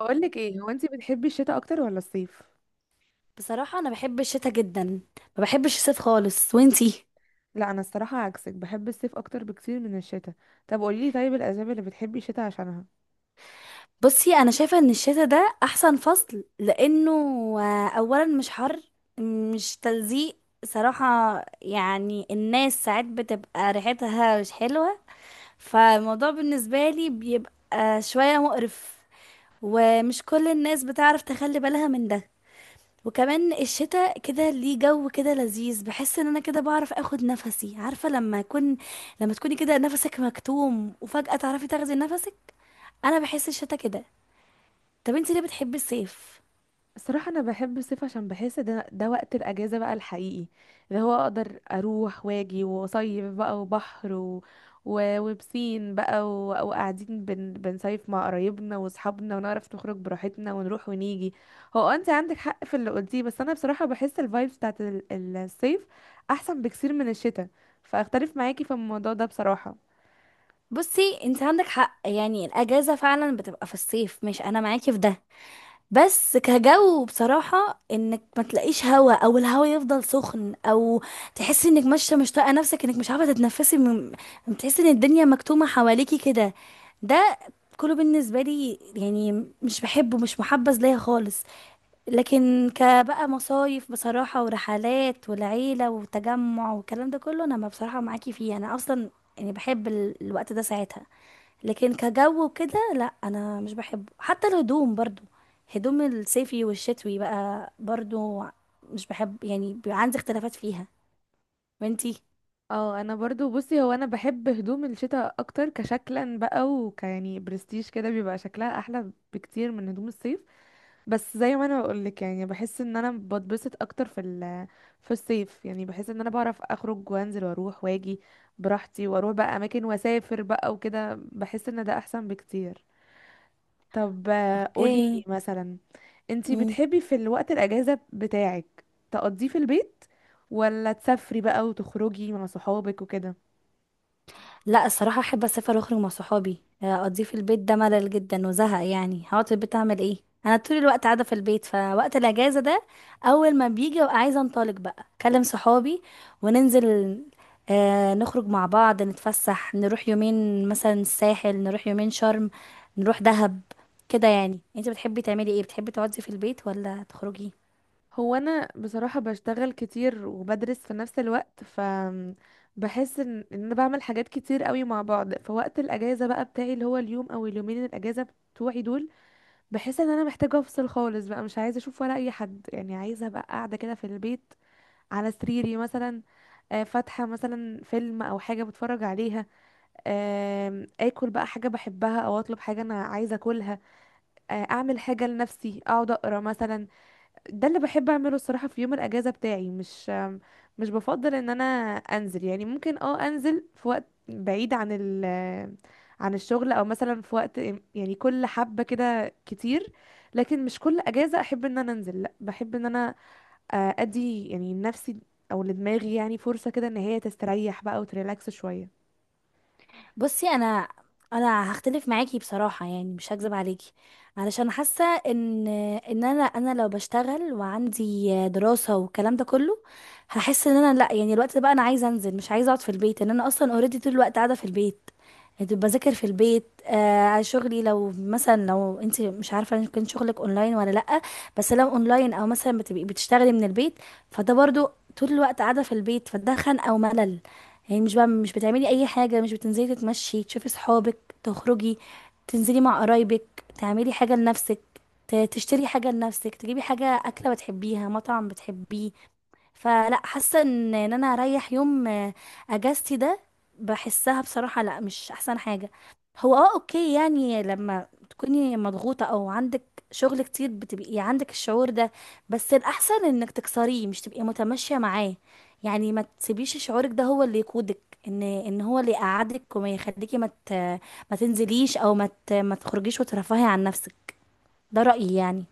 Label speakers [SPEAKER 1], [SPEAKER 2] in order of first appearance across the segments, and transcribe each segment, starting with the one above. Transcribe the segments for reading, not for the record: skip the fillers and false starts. [SPEAKER 1] بقول لك ايه، هو انت بتحبي الشتاء اكتر ولا الصيف؟
[SPEAKER 2] بصراحة أنا بحب الشتا جدا. ما بحبش الصيف خالص، وانتي؟
[SPEAKER 1] لا انا الصراحه عكسك، بحب الصيف اكتر بكتير من الشتاء. طب قولي لي طيب الاسباب اللي بتحبي الشتاء عشانها.
[SPEAKER 2] بصي، أنا شايفة إن الشتا ده أحسن فصل لأنه أولا مش حر، مش تلزيق صراحة. يعني الناس ساعات بتبقى ريحتها مش حلوة، فالموضوع بالنسبة لي بيبقى شوية مقرف، ومش كل الناس بتعرف تخلي بالها من ده. وكمان الشتاء كده ليه جو كده لذيذ، بحس ان انا كده بعرف اخد نفسي، عارفه لما اكون، لما تكوني كده نفسك مكتوم وفجاه تعرفي تاخدي نفسك. انا بحس الشتاء كده. طب انت ليه بتحبي الصيف؟
[SPEAKER 1] الصراحة أنا بحب الصيف عشان بحس ده وقت الأجازة بقى الحقيقي، اللي هو أقدر أروح وأجي وأصيف بقى، وبحر وبسين بقى، وقاعدين بنصيف مع قرايبنا وأصحابنا، ونعرف نخرج براحتنا ونروح ونيجي. هو أنت عندك حق في اللي قلتيه، بس أنا بصراحة بحس الفايبس بتاعت الصيف أحسن بكثير من الشتاء، فأختلف معاكي في الموضوع ده بصراحة.
[SPEAKER 2] بصي، انت عندك حق، يعني الاجازه فعلا بتبقى في الصيف، مش انا معاكي في ده. بس كجو بصراحه انك ما تلاقيش هوا، او الهوا يفضل سخن، او تحسي انك ماشيه مش طايقه نفسك، انك مش عارفه تتنفسي من، تحسي ان الدنيا مكتومه حواليكي كده. ده كله بالنسبة لي يعني مش بحبه، مش محبذ ليا خالص. لكن كبقى مصايف بصراحة ورحلات والعيلة وتجمع والكلام ده كله، انا ما بصراحة معاكي فيه انا اصلا، يعني بحب الوقت ده ساعتها. لكن كجو وكده، لا انا مش بحبه. حتى الهدوم برضو، هدوم الصيفي والشتوي بقى برضو، مش بحب، يعني بيبقى عندي اختلافات فيها. وانتي؟
[SPEAKER 1] اه انا برضو بصي، هو انا بحب هدوم الشتاء اكتر كشكلا بقى، يعني برستيج كده، بيبقى شكلها احلى بكتير من هدوم الصيف. بس زي ما انا بقولك، يعني بحس ان انا بتبسط اكتر في الصيف، يعني بحس ان انا بعرف اخرج وانزل واروح واجي براحتي، واروح بقى اماكن واسافر بقى وكده، بحس ان ده احسن بكتير. طب قولي لي
[SPEAKER 2] اوكي.
[SPEAKER 1] مثلا، انتي بتحبي في الوقت الاجازة بتاعك تقضيه في البيت ولا تسافري بقى وتخرجي مع صحابك وكده؟
[SPEAKER 2] لا الصراحة احب اسافر واخرج مع صحابي. اقضيه في البيت ده ملل جدا وزهق، يعني هقعد في البيت اعمل ايه؟ انا طول الوقت قاعدة في البيت، فوقت الاجازة ده اول ما بيجي ببقى عايزة انطلق بقى، اكلم صحابي وننزل، آه، نخرج مع بعض، نتفسح، نروح يومين مثلا الساحل، نروح يومين شرم، نروح دهب، كده يعني. انت بتحبي تعملي ايه؟ بتحبي تقعدي في البيت ولا تخرجي؟
[SPEAKER 1] هو انا بصراحة بشتغل كتير وبدرس في نفس الوقت، بحس إن انا بعمل حاجات كتير قوي مع بعض، فوقت الاجازة بقى بتاعي، اللي هو اليوم او اليومين الاجازة بتوعي دول، بحس ان انا محتاجة افصل خالص بقى، مش عايزة اشوف ولا اي حد، يعني عايزة ابقى قاعدة كده في البيت على سريري مثلا، فاتحة مثلا فيلم او حاجة بتفرج عليها، اكل بقى حاجة بحبها او اطلب حاجة انا عايزة اكلها، اعمل حاجة لنفسي، اقعد اقرا مثلا. ده اللي بحب اعمله الصراحه في يوم الاجازه بتاعي، مش بفضل ان انا انزل، يعني ممكن انزل في وقت بعيد عن الشغل، او مثلا في وقت، يعني كل حبه كده كتير. لكن مش كل اجازه احب ان انا انزل، لا بحب ان انا ادي يعني نفسي او لدماغي يعني فرصه كده، ان هي تستريح بقى وتريلاكس شويه.
[SPEAKER 2] بصي انا، هختلف معاكي بصراحه، يعني مش هكذب عليكي. علشان حاسه ان انا لو بشتغل وعندي دراسه والكلام ده كله، هحس ان انا لا، يعني الوقت ده بقى انا عايزه انزل مش عايزه اقعد في البيت، ان انا اصلا اوريدي طول الوقت قاعده في البيت. يعني بذاكر في البيت، آه، شغلي لو مثلا، لو انت مش عارفه ان كان شغلك اونلاين ولا لا، بس لو اونلاين او مثلا بتبقي بتشتغلي من البيت، فده برضو طول الوقت قاعده في البيت، فده خنقه وملل. يعني مش بتعملي اي حاجه، مش بتنزلي تتمشي تشوفي صحابك تخرجي، تنزلي مع قرايبك، تعملي حاجه لنفسك، تشتري حاجه لنفسك، تجيبي حاجه اكله بتحبيها، مطعم بتحبيه. فلا حاسه ان إن انا اريح يوم، آه، اجازتي ده بحسها بصراحه لا، مش احسن حاجه. هو اه اوكي، يعني لما تكوني مضغوطه او عندك شغل كتير بتبقي عندك الشعور ده، بس الاحسن انك تكسريه، مش تبقي متماشيه معاه. يعني ما تسيبيش شعورك ده هو اللي يقودك، ان ان هو اللي يقعدك وما يخليكي ما تنزليش، او ما تخرجيش وترفهي عن نفسك. ده رأيي يعني.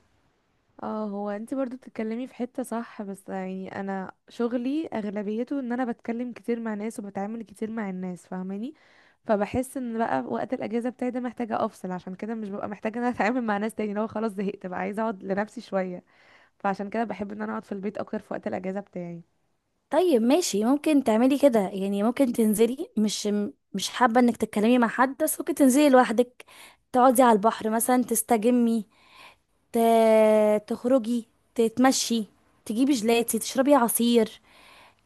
[SPEAKER 1] اه هو انت برضو بتتكلمي في حتة صح، بس يعني انا شغلي اغلبيته ان انا بتكلم كتير مع ناس وبتعامل كتير مع الناس، فاهماني. فبحس ان بقى وقت الاجازة بتاعي ده محتاجة افصل، عشان كده مش ببقى محتاجة ان انا اتعامل مع ناس تاني، لو خلاص زهقت بقى عايزة اقعد لنفسي شوية، فعشان كده بحب ان انا اقعد في البيت اكتر في وقت الاجازة بتاعي.
[SPEAKER 2] طيب ماشي، ممكن تعملي كده، يعني ممكن تنزلي، مش حابة انك تتكلمي مع حد، بس ممكن تنزلي لوحدك، تقعدي على البحر مثلا، تستجمي، ت، تخرجي، تتمشي، تجيبي جلاتي، تشربي عصير،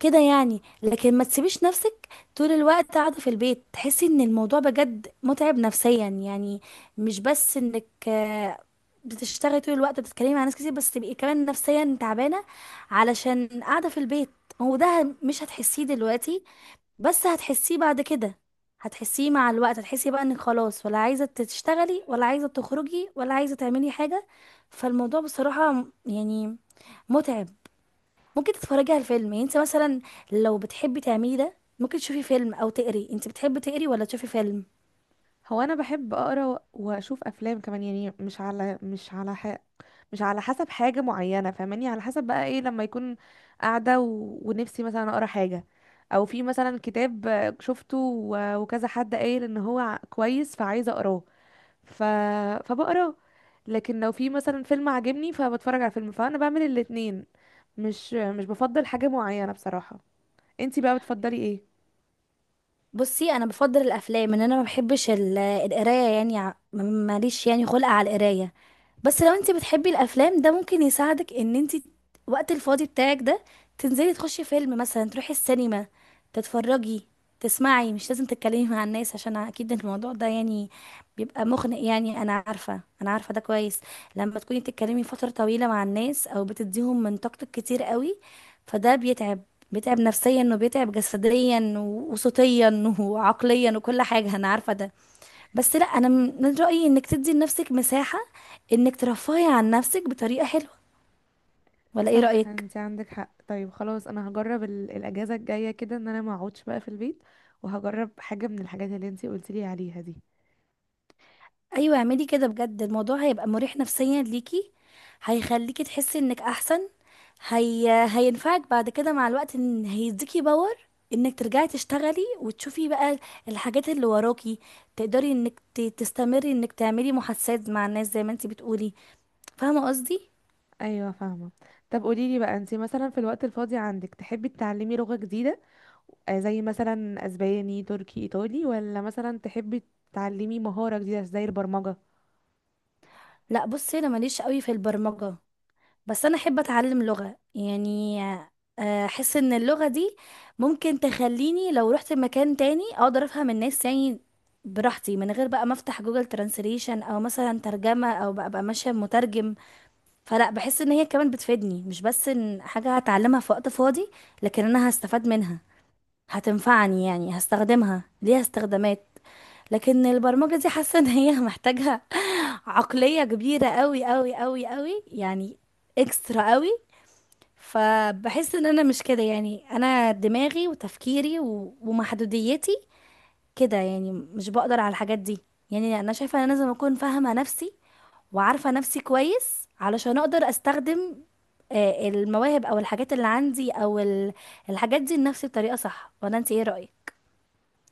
[SPEAKER 2] كده يعني. لكن ما تسيبيش نفسك طول الوقت قاعدة في البيت، تحسي ان الموضوع بجد متعب نفسيا. يعني مش بس انك، آه، بتشتغلي طول الوقت بتتكلمي مع ناس كتير، بس تبقي كمان نفسيا تعبانة علشان قاعدة في البيت. هو ده مش هتحسيه دلوقتي، بس هتحسيه بعد كده، هتحسيه مع الوقت، هتحسي بقى انك خلاص ولا عايزة تشتغلي، ولا عايزة تخرجي، ولا عايزة تعملي حاجة. فالموضوع بصراحة يعني متعب. ممكن تتفرجي على الفيلم، يعني انت مثلا لو بتحبي تعملي ده ممكن تشوفي فيلم او تقري. انت بتحبي تقري ولا تشوفي فيلم؟
[SPEAKER 1] هو انا بحب اقرا واشوف افلام كمان، يعني مش على حسب حاجة معينة، فاهماني، على حسب بقى ايه لما يكون، قاعدة ونفسي مثلا اقرا حاجة، او في مثلا كتاب شفته وكذا حد قايل ان هو كويس، فعايزة اقراه، ف... فبقراه. لكن لو في مثلا فيلم عجبني فبتفرج على فيلم، فانا بعمل الاتنين، مش بفضل حاجة معينة بصراحة. انتي بقى بتفضلي ايه؟
[SPEAKER 2] بصي انا بفضل الافلام، ان انا ما بحبش القرايه، يعني ع، م، ماليش يعني خلق على القرايه. بس لو انت بتحبي الافلام ده ممكن يساعدك ان انت وقت الفاضي بتاعك ده تنزلي تخشي فيلم مثلا، تروحي السينما، تتفرجي، تسمعي، مش لازم تتكلمي مع الناس. عشان اكيد الموضوع ده يعني بيبقى مخنق، يعني انا عارفه ده كويس. لما تكوني بتتكلمي فتره طويله مع الناس او بتديهم من طاقتك كتير قوي، فده بيتعب، بيتعب نفسيا وبيتعب جسديا وصوتيا وعقليا وكل حاجة، أنا عارفة ده. بس لا، أنا من رأيي إنك تدي لنفسك مساحة، إنك ترفهي عن نفسك بطريقة حلوة. ولا إيه
[SPEAKER 1] صح،
[SPEAKER 2] رأيك؟
[SPEAKER 1] انتي عندك حق. طيب خلاص انا هجرب الاجازة الجاية كده ان انا ما اقعدش بقى في البيت، وهجرب حاجة من الحاجات اللي انتي قلتيلي عليها دي.
[SPEAKER 2] أيوة اعملي كده بجد، الموضوع هيبقى مريح نفسيا ليكي، هيخليكي تحسي إنك أحسن. هينفعك بعد كده مع الوقت، إن هيديكي باور إنك ترجعي تشتغلي، وتشوفي بقى الحاجات اللي وراكي، تقدري إنك تستمري إنك تعملي محادثات مع الناس زي ما انتي بتقولي. فاهمة قصدي؟
[SPEAKER 1] ايوه، فاهمه. طب قولي لي بقى، انت مثلا في الوقت الفاضي عندك تحبي تتعلمي لغه جديده، زي مثلا اسباني تركي ايطالي، ولا مثلا تحبي تتعلمي مهاره جديده زي البرمجه؟
[SPEAKER 2] لا بصي، انا ماليش قوي في البرمجة، بس انا احب اتعلم لغة يعني. آه، احس ان اللغة دي ممكن تخليني لو رحت مكان تاني اقدر افهم الناس يعني براحتي، من غير بقى ما افتح جوجل ترانسليشن او مثلا ترجمة، او بقى ماشية بمترجم. فلا بحس ان هي كمان بتفيدني، مش بس ان حاجة هتعلمها في وقت فاضي، لكن انا هستفاد منها، هتنفعني، يعني هستخدمها، ليها استخدامات. لكن البرمجة دي حاسة ان هي محتاجة عقلية كبيرة قوي يعني، اكسترا قوي. فبحس ان انا مش كده، يعني انا دماغي وتفكيري ومحدوديتي كده يعني مش بقدر على الحاجات دي. يعني انا شايفة ان انا لازم اكون فاهمة نفسي وعارفة نفسي كويس علشان اقدر استخدم، آه، المواهب او الحاجات اللي عندي، او الحاجات دي لنفسي بطريقة صح. ولا انت ايه رأيك؟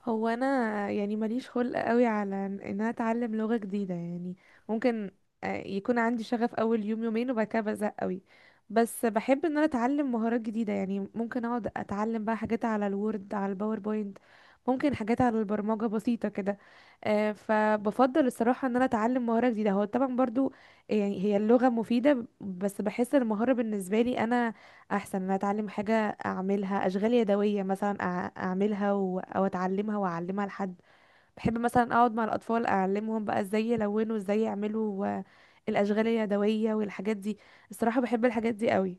[SPEAKER 1] هو انا يعني ماليش خلق قوي على ان انا اتعلم لغة جديدة، يعني ممكن يكون عندي شغف اول يوم يومين وبعد كده بزهق قوي. بس بحب ان انا اتعلم مهارات جديدة، يعني ممكن اقعد اتعلم بقى حاجات على الوورد على الباوربوينت، ممكن حاجات على البرمجة بسيطة كده. فبفضل الصراحة ان انا اتعلم مهارة جديدة، هو طبعا برضو يعني هي اللغة مفيدة، بس بحس المهارة بالنسبة لي انا احسن، ان أنا اتعلم حاجة اعملها، اشغال يدويه مثلا، اعملها او اتعلمها واعلمها لحد. بحب مثلا اقعد مع الاطفال اعلمهم بقى ازاي يلونوا، ازاي يعملوا الاشغال اليدويه والحاجات دي، الصراحه بحب الحاجات دي قوي.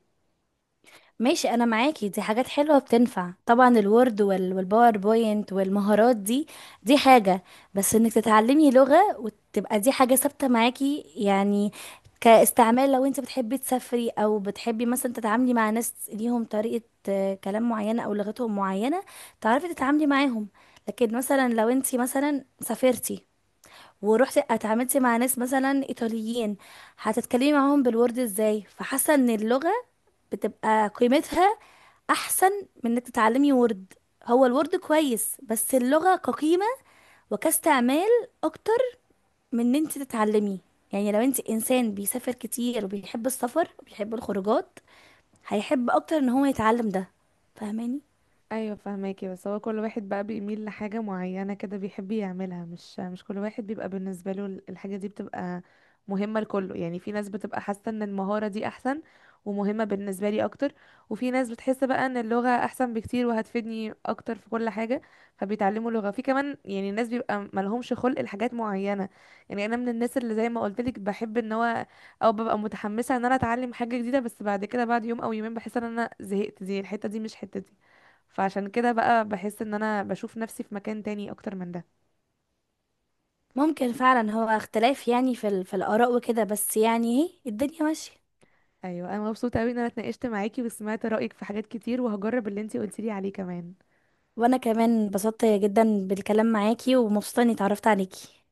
[SPEAKER 2] ماشي انا معاكي، دي حاجات حلوه بتنفع طبعا، الوورد والباوربوينت والمهارات دي، دي حاجه. بس انك تتعلمي لغه وتبقى دي حاجه ثابته معاكي يعني كاستعمال، لو انت بتحبي تسافري، او بتحبي مثلا تتعاملي مع ناس ليهم طريقه، آه، كلام معينه او لغتهم معينه، تعرفي تتعاملي معاهم. لكن مثلا لو انت مثلا سافرتي ورحتي اتعاملتي مع ناس مثلا ايطاليين، هتتكلمي معاهم بالورد ازاي؟ فحاسه ان اللغه بتبقى قيمتها احسن من انك تتعلمي وورد. هو الوورد كويس، بس اللغة كقيمة وكاستعمال اكتر من ان انت تتعلمي. يعني لو انت انسان بيسافر كتير وبيحب السفر وبيحب الخروجات، هيحب اكتر ان هو يتعلم ده. فاهماني؟
[SPEAKER 1] ايوه فهماكي، بس هو كل واحد بقى بيميل لحاجة معينة كده بيحب يعملها، مش كل واحد بيبقى بالنسبة له الحاجة دي بتبقى مهمة لكله، يعني في ناس بتبقى حاسة ان المهارة دي احسن ومهمة بالنسبة لي اكتر، وفي ناس بتحس بقى ان اللغة احسن بكتير وهتفيدني اكتر في كل حاجة، فبيتعلموا لغة. في كمان يعني ناس بيبقى ملهمش خلق لحاجات معينة، يعني انا من الناس اللي زي ما قلتلك، بحب ان هو او ببقى متحمسة ان انا اتعلم حاجة جديدة، بس بعد كده بعد يوم او يومين بحس ان انا زهقت، دي الحتة دي مش حتتي، فعشان كده بقى بحس ان انا بشوف نفسي في مكان تاني اكتر من ده.
[SPEAKER 2] ممكن فعلا، هو اختلاف يعني في في الاراء وكده، بس يعني ايه، الدنيا ماشية.
[SPEAKER 1] ايوه انا مبسوطه قوي ان انا اتناقشت معاكي وسمعت رايك في حاجات كتير، وهجرب اللي انتي قلتيلي عليه كمان.
[SPEAKER 2] وانا كمان انبسطت جدا بالكلام معاكي، ومبسوطة اني اتعرفت عليكي.